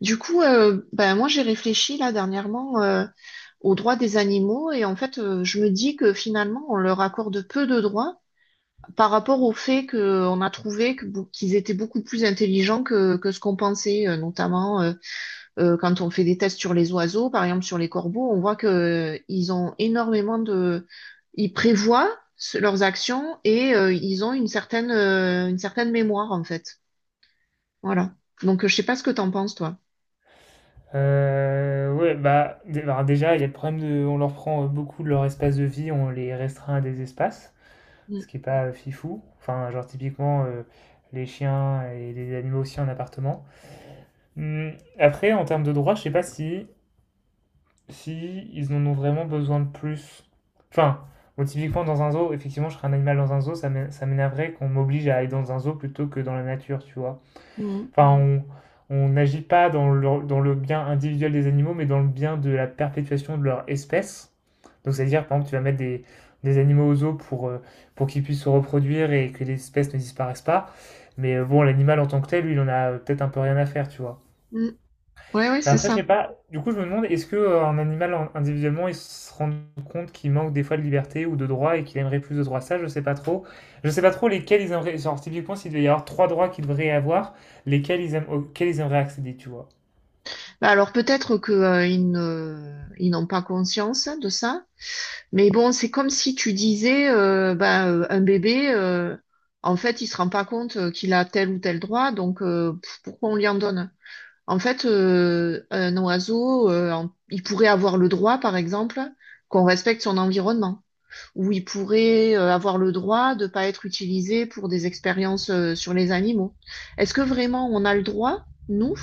Du coup, moi j'ai réfléchi là dernièrement aux droits des animaux. Et en fait je me dis que finalement on leur accorde peu de droits par rapport au fait qu'on a trouvé qu'ils étaient beaucoup plus intelligents que ce qu'on pensait, notamment quand on fait des tests sur les oiseaux, par exemple sur les corbeaux. On voit que ils ont énormément ils prévoient leurs actions, et ils ont une certaine mémoire en fait. Voilà. Donc je sais pas ce que t'en penses toi. Ouais, déjà, il y a le problème de, on leur prend beaucoup de leur espace de vie, on les restreint à des espaces, ce qui est pas fifou. Enfin, genre typiquement les chiens et les animaux aussi en appartement. Hmm, Après, en termes de droits, je sais pas si, si ils en ont vraiment besoin de plus. Enfin, bon, typiquement dans un zoo, effectivement, je serais un animal dans un zoo, ça m'énerverait qu'on m'oblige à aller dans un zoo plutôt que dans la nature, tu vois. Mm. Enfin, on n'agit pas dans le bien individuel des animaux, mais dans le bien de la perpétuation de leur espèce. Donc, c'est-à-dire, par exemple, tu vas mettre des animaux aux eaux pour qu'ils puissent se reproduire et que l'espèce ne disparaisse pas. Mais bon, l'animal en tant que tel, lui, il en a peut-être un peu rien à faire, tu vois. Mm. Oui, oui, Bah, c'est Après, je ça. sais pas, du coup, je me demande, est-ce que un animal individuellement, il se rend compte qu'il manque des fois de liberté ou de droits et qu'il aimerait plus de droits? Ça, je sais pas trop. Je sais pas trop lesquels ils aimeraient, genre, typiquement, s'il devait y avoir trois droits qu'ils devraient avoir, lesquels ils aiment, auxquels ils aimeraient accéder, tu vois. Alors peut-être que ils n'ont pas conscience de ça, mais bon, c'est comme si tu disais, un bébé, en fait, il se rend pas compte qu'il a tel ou tel droit. Donc pourquoi on lui en donne? En fait, un oiseau, il pourrait avoir le droit, par exemple, qu'on respecte son environnement, ou il pourrait avoir le droit de pas être utilisé pour des expériences sur les animaux. Est-ce que vraiment on a le droit, nous,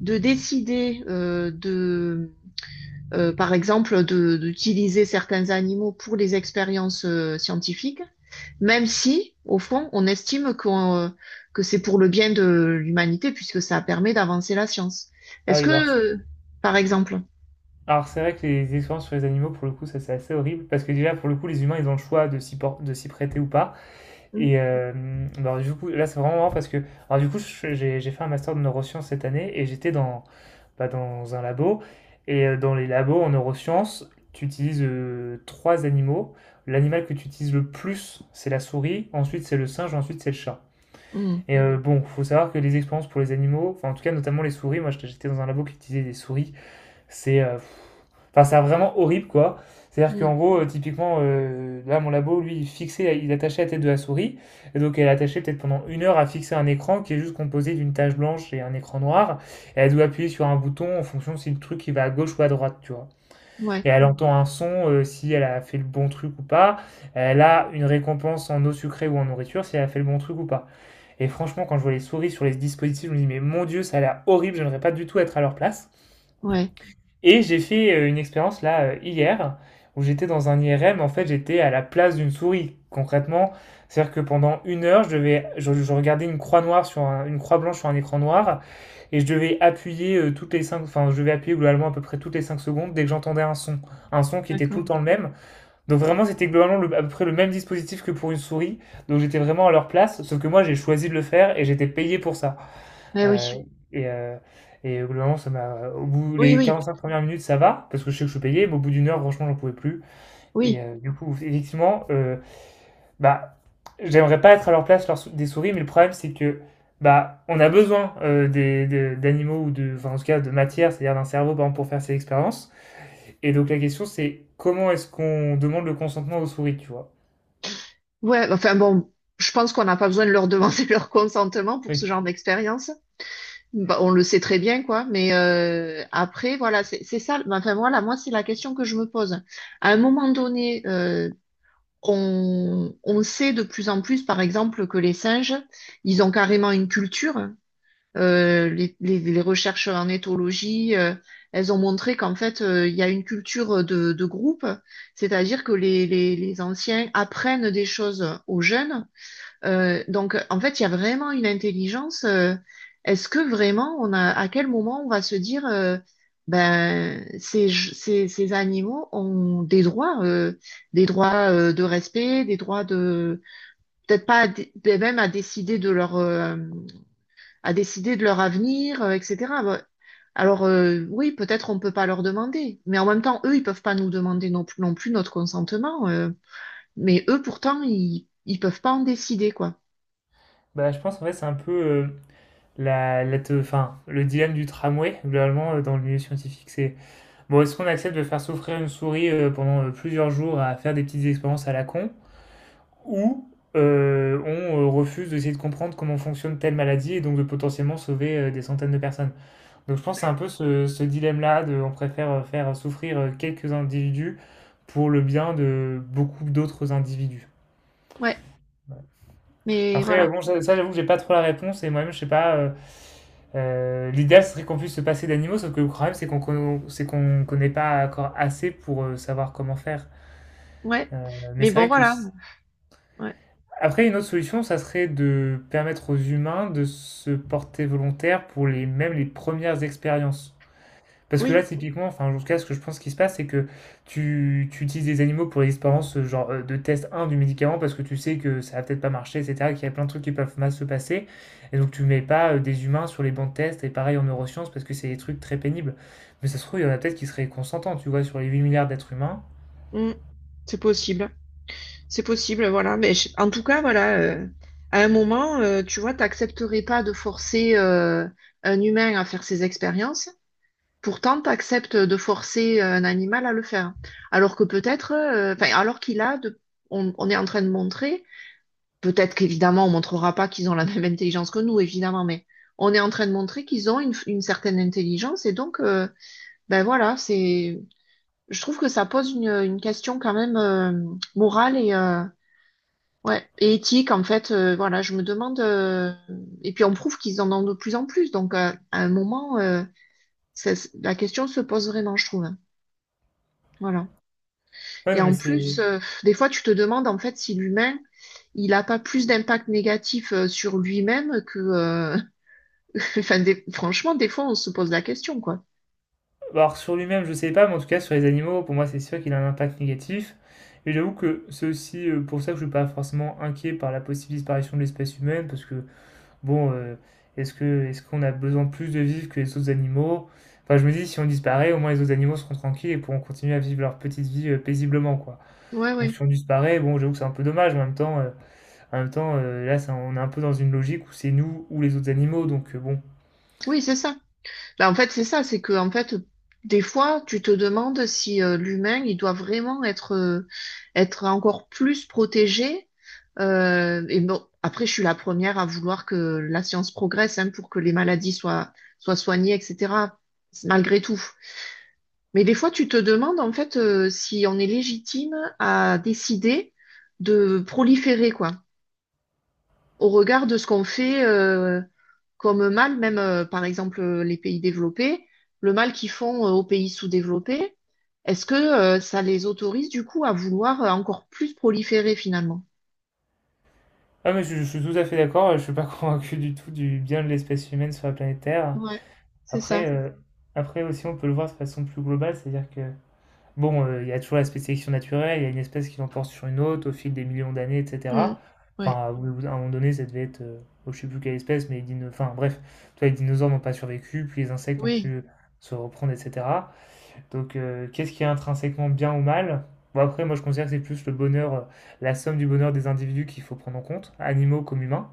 de décider par exemple, d'utiliser certains animaux pour les expériences scientifiques, même si, au fond, on estime que c'est pour le bien de l'humanité, puisque ça permet d'avancer la science. Ah Est-ce oui, bah, que, par exemple... alors, c'est vrai que les expériences sur les animaux, pour le coup, ça, c'est assez horrible parce que déjà, pour le coup, les humains, ils ont le choix de de s'y prêter ou pas. Mm, Et bah, du coup, là, c'est vraiment marrant parce que, alors, du coup, j'ai fait un master de neurosciences cette année et j'étais dans un labo. Et dans les labos en neurosciences, tu utilises trois animaux. L'animal que tu utilises le plus, c'est la souris, ensuite c'est le singe, ensuite c'est le chat. mm, Et bon, faut savoir que les expériences pour les animaux, enfin en tout cas notamment les souris, moi j'étais dans un labo qui utilisait des souris, c'est enfin, c'est vraiment horrible, quoi. C'est-à-dire mm. qu'en gros, typiquement, là, mon labo, lui, il fixait, il attachait la tête de la souris. Et donc, elle attachait peut-être pendant une heure à fixer un écran qui est juste composé d'une tache blanche et un écran noir. Et elle doit appuyer sur un bouton en fonction de si le truc il va à gauche ou à droite, tu vois. Ouais, Et elle entend un son, si elle a fait le bon truc ou pas. Elle a une récompense en eau sucrée ou en nourriture, si elle a fait le bon truc ou pas. Et franchement, quand je vois les souris sur les dispositifs, je me dis, mais mon Dieu, ça a l'air horrible, j'aimerais pas du tout être à leur place. ouais, Et j'ai fait une expérience là hier où j'étais dans un IRM. En fait, j'étais à la place d'une souris, concrètement. C'est-à-dire que pendant une heure, je regardais une croix noire sur une croix blanche sur un écran noir et je devais appuyer enfin, je devais appuyer globalement à peu près toutes les 5 secondes dès que j'entendais un son qui était tout d'accord. le temps le même. Donc vraiment, c'était globalement à peu près le même dispositif que pour une souris. Donc j'étais vraiment à leur place, sauf que moi, j'ai choisi de le faire et j'étais payé pour ça. Eh oui, Euh, et, euh, et globalement, ça m'a. Au bout oui, les oui, 45 premières minutes, ça va, parce que je sais que je suis payé, mais au bout d'une heure, franchement, j'en pouvais plus. Et oui, du coup, effectivement, bah, j'aimerais pas être à leur place des souris, mais le problème, c'est que bah, on a besoin d'animaux ou de, enfin, en tout cas, de matière, c'est-à-dire d'un cerveau, par exemple, pour faire ces expériences. Et donc, la question, c'est comment est-ce qu'on demande le consentement aux souris, tu vois? ouais. Enfin bon, je pense qu'on n'a pas besoin de leur demander leur consentement pour ce Oui. genre d'expérience. Bah, on le sait très bien, quoi. Mais après, voilà, c'est ça. Enfin, voilà, moi, c'est la question que je me pose. À un moment donné, on sait de plus en plus, par exemple, que les singes, ils ont carrément une culture. Les recherches en éthologie, elles ont montré qu'en fait, il y a une culture de groupe, c'est-à-dire que les anciens apprennent des choses aux jeunes, donc, en fait, il y a vraiment une intelligence. Est-ce que vraiment, à quel moment on va se dire, ces animaux ont des droits de respect, des droits peut-être pas, même à décider de leur, à décider de leur avenir, etc. Ben, oui, peut-être on peut pas leur demander, mais en même temps, eux, ils peuvent pas nous demander non plus, non plus notre consentement. Mais eux, pourtant, ils peuvent pas en décider, quoi. Bah, je pense en fait c'est un peu enfin, le dilemme du tramway globalement dans le milieu scientifique c'est Bon, est-ce qu'on accepte de faire souffrir une souris pendant plusieurs jours à faire des petites expériences à la con ou on refuse d'essayer de comprendre comment fonctionne telle maladie et donc de potentiellement sauver des centaines de personnes? Donc je pense que c'est un peu ce dilemme-là de on préfère faire souffrir quelques individus pour le bien de beaucoup d'autres individus. Ouais. Mais Après, voilà, bon, j'avoue que j'ai pas trop la réponse et moi-même je sais pas. L'idéal, serait qu'on puisse se passer d'animaux, sauf que le problème, c'est c'est qu'on connaît pas encore assez pour savoir comment faire. ouais. Mais Mais c'est bon, vrai que... voilà, s- ouais. Après, une autre solution, ça serait de permettre aux humains de se porter volontaire pour les, même les premières expériences. Parce que là, Oui. typiquement, enfin, en tout cas, ce que je pense qui se passe, c'est que tu utilises des animaux pour l'expérience genre de test un du médicament parce que tu sais que ça va peut-être pas marcher, etc., qu'il y a plein de trucs qui peuvent mal se passer. Et donc, tu mets pas des humains sur les bancs de test et pareil en neurosciences parce que c'est des trucs très pénibles. Mais ça se trouve, il y en a peut-être qui seraient consentants, tu vois, sur les 8 milliards d'êtres humains. Mm. C'est possible. C'est possible, voilà. Mais en tout cas, voilà, à un moment, tu vois, t'accepterais pas de forcer un humain à faire ses expériences. Pourtant, t'acceptes de forcer un animal à le faire. Alors que peut-être, enfin, alors on est en train de montrer, peut-être qu'évidemment, on montrera pas qu'ils ont la même intelligence que nous, évidemment, mais on est en train de montrer qu'ils ont une certaine intelligence. Et donc, ben voilà, c'est, je trouve que ça pose une question quand même morale ouais, et éthique, en fait. Voilà, je me demande. Et puis on prouve qu'ils en ont de plus en plus. Donc à un moment, ça- la question se pose vraiment, je trouve, hein. Voilà. Ouais, Et non, mais en plus, c'est. Des fois, tu te demandes en fait si l'humain, il n'a pas plus d'impact négatif sur lui-même que... franchement, des fois, on se pose la question, quoi. Bah, alors sur lui-même, je ne sais pas, mais en tout cas sur les animaux, pour moi c'est sûr qu'il a un impact négatif. Et j'avoue que c'est aussi pour ça que je ne suis pas forcément inquiet par la possible disparition de l'espèce humaine, parce que bon, est-ce qu'on a besoin de plus de vivre que les autres animaux? Enfin, je me dis si on disparaît, au moins les autres animaux seront tranquilles et pourront continuer à vivre leur petite vie paisiblement, quoi. Ouais, Donc ouais. si on disparaît, bon, j'avoue que c'est un peu dommage, mais en même temps, là, on est un peu dans une logique où c'est nous ou les autres animaux, donc bon, Oui, c'est ça. Là, en fait, c'est ça, c'est que en fait, des fois, tu te demandes si l'humain, il doit vraiment être, être encore plus protégé. Et bon, après, je suis la première à vouloir que la science progresse, hein, pour que les maladies soient soignées, etc. Malgré tout. Mais des fois, tu te demandes en fait si on est légitime à décider de proliférer, quoi, au regard de ce qu'on fait. Comme mal, même par exemple les pays développés, le mal qu'ils font aux pays sous-développés, est-ce que ça les autorise du coup à vouloir encore plus proliférer finalement? ah mais je suis tout à fait d'accord, je suis pas convaincu du tout du bien de l'espèce humaine sur la planète Terre. Ouais, c'est ça. Après, euh, après aussi on peut le voir de façon plus globale, c'est-à-dire que bon, il y a toujours l'aspect sélection naturelle, il y a une espèce qui l'emporte sur une autre au fil des millions d'années, Mm. etc. Ouais. Enfin, au bout à un moment donné, ça devait être, oh, je sais plus quelle espèce, mais enfin bref, tu vois, les dinosaures n'ont pas survécu, puis les insectes ont pu Oui. Se reprendre, etc. Donc qu'est-ce qui est intrinsèquement bien ou mal? Bon après, moi je considère que c'est plus le bonheur, la somme du bonheur des individus qu'il faut prendre en compte, animaux comme humains.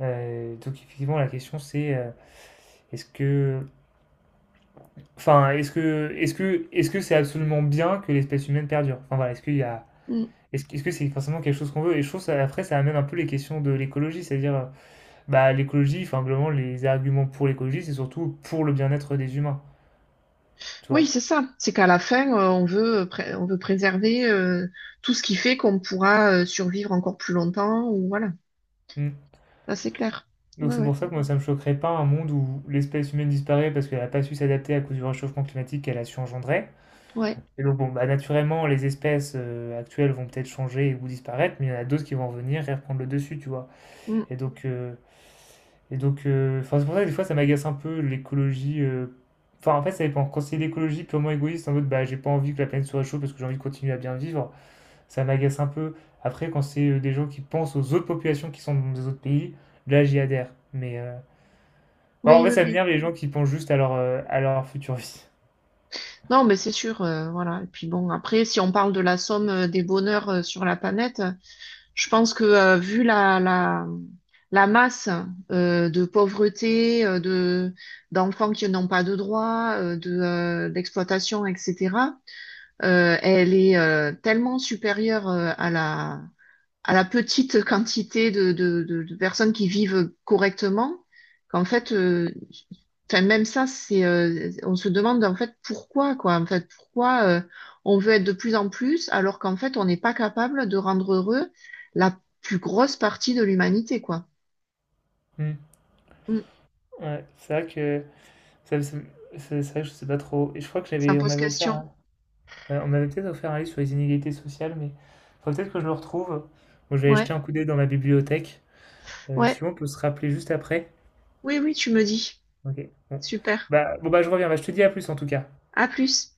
Donc effectivement, la question c'est, est-ce que enfin, est-ce que c'est absolument bien que l'espèce humaine perdure? Enfin voilà, est-ce qu'il y a Mm. Est-ce que c'est forcément quelque chose qu'on veut? Et je trouve ça après ça amène un peu les questions de l'écologie, c'est-à-dire, bah, l'écologie, enfin globalement les arguments pour l'écologie, c'est surtout pour le bien-être des humains, tu Oui, vois? c'est ça. C'est qu'à la fin, on veut, on veut préserver tout ce qui fait qu'on pourra survivre encore plus longtemps. Ou voilà, Mmh. ça c'est clair. Donc Ouais, c'est pour ouais. ça que moi ça me choquerait pas un monde où l'espèce humaine disparaît parce qu'elle a pas su s'adapter à cause du réchauffement climatique qu'elle a su engendrer. Ouais. Et donc, bon, bah, naturellement, les espèces actuelles vont peut-être changer ou disparaître, mais il y en a d'autres qui vont venir et reprendre le dessus, tu vois. Mm. Et donc, euh, enfin, c'est pour ça que des fois, ça m'agace un peu l'écologie. Enfin, en fait, ça dépend. Quand c'est l'écologie purement égoïste, en mode, bah, j'ai pas envie que la planète se réchauffe parce que j'ai envie de continuer à bien vivre, ça m'agace un peu. Après, quand c'est des gens qui pensent aux autres populations qui sont dans des autres pays, là, j'y adhère. Mais enfin, Oui, en fait, oui, ça oui. m'énerve les gens qui pensent juste à leur future vie. Non, mais c'est sûr, voilà. Et puis bon, après, si on parle de la somme des bonheurs sur la planète, je pense que vu la masse de pauvreté, d'enfants qui n'ont pas de droits, d'exploitation, etc., elle est tellement supérieure à la petite quantité de personnes qui vivent correctement, qu'en fait, enfin, même ça, c'est, on se demande en fait pourquoi, quoi. En fait, pourquoi on veut être de plus en plus alors qu'en fait, on n'est pas capable de rendre heureux la plus grosse partie de l'humanité, quoi. Hmm. Mm. Ouais, c'est vrai que. c'est c'est vrai que je sais pas trop. Et je crois que Ça j'avais, on pose m'avait offert, question. On m'avait peut-être offert un livre sur les inégalités sociales, mais faudrait peut-être que je le retrouve. Bon, je vais jeter Ouais, un coup d'œil dans ma bibliothèque. Ouais. Si on peut se rappeler juste après. Oui, oui, tu me dis. Ok. Bon. Super. Bah, bon bah je reviens. Bah, je te dis à plus en tout cas. À plus.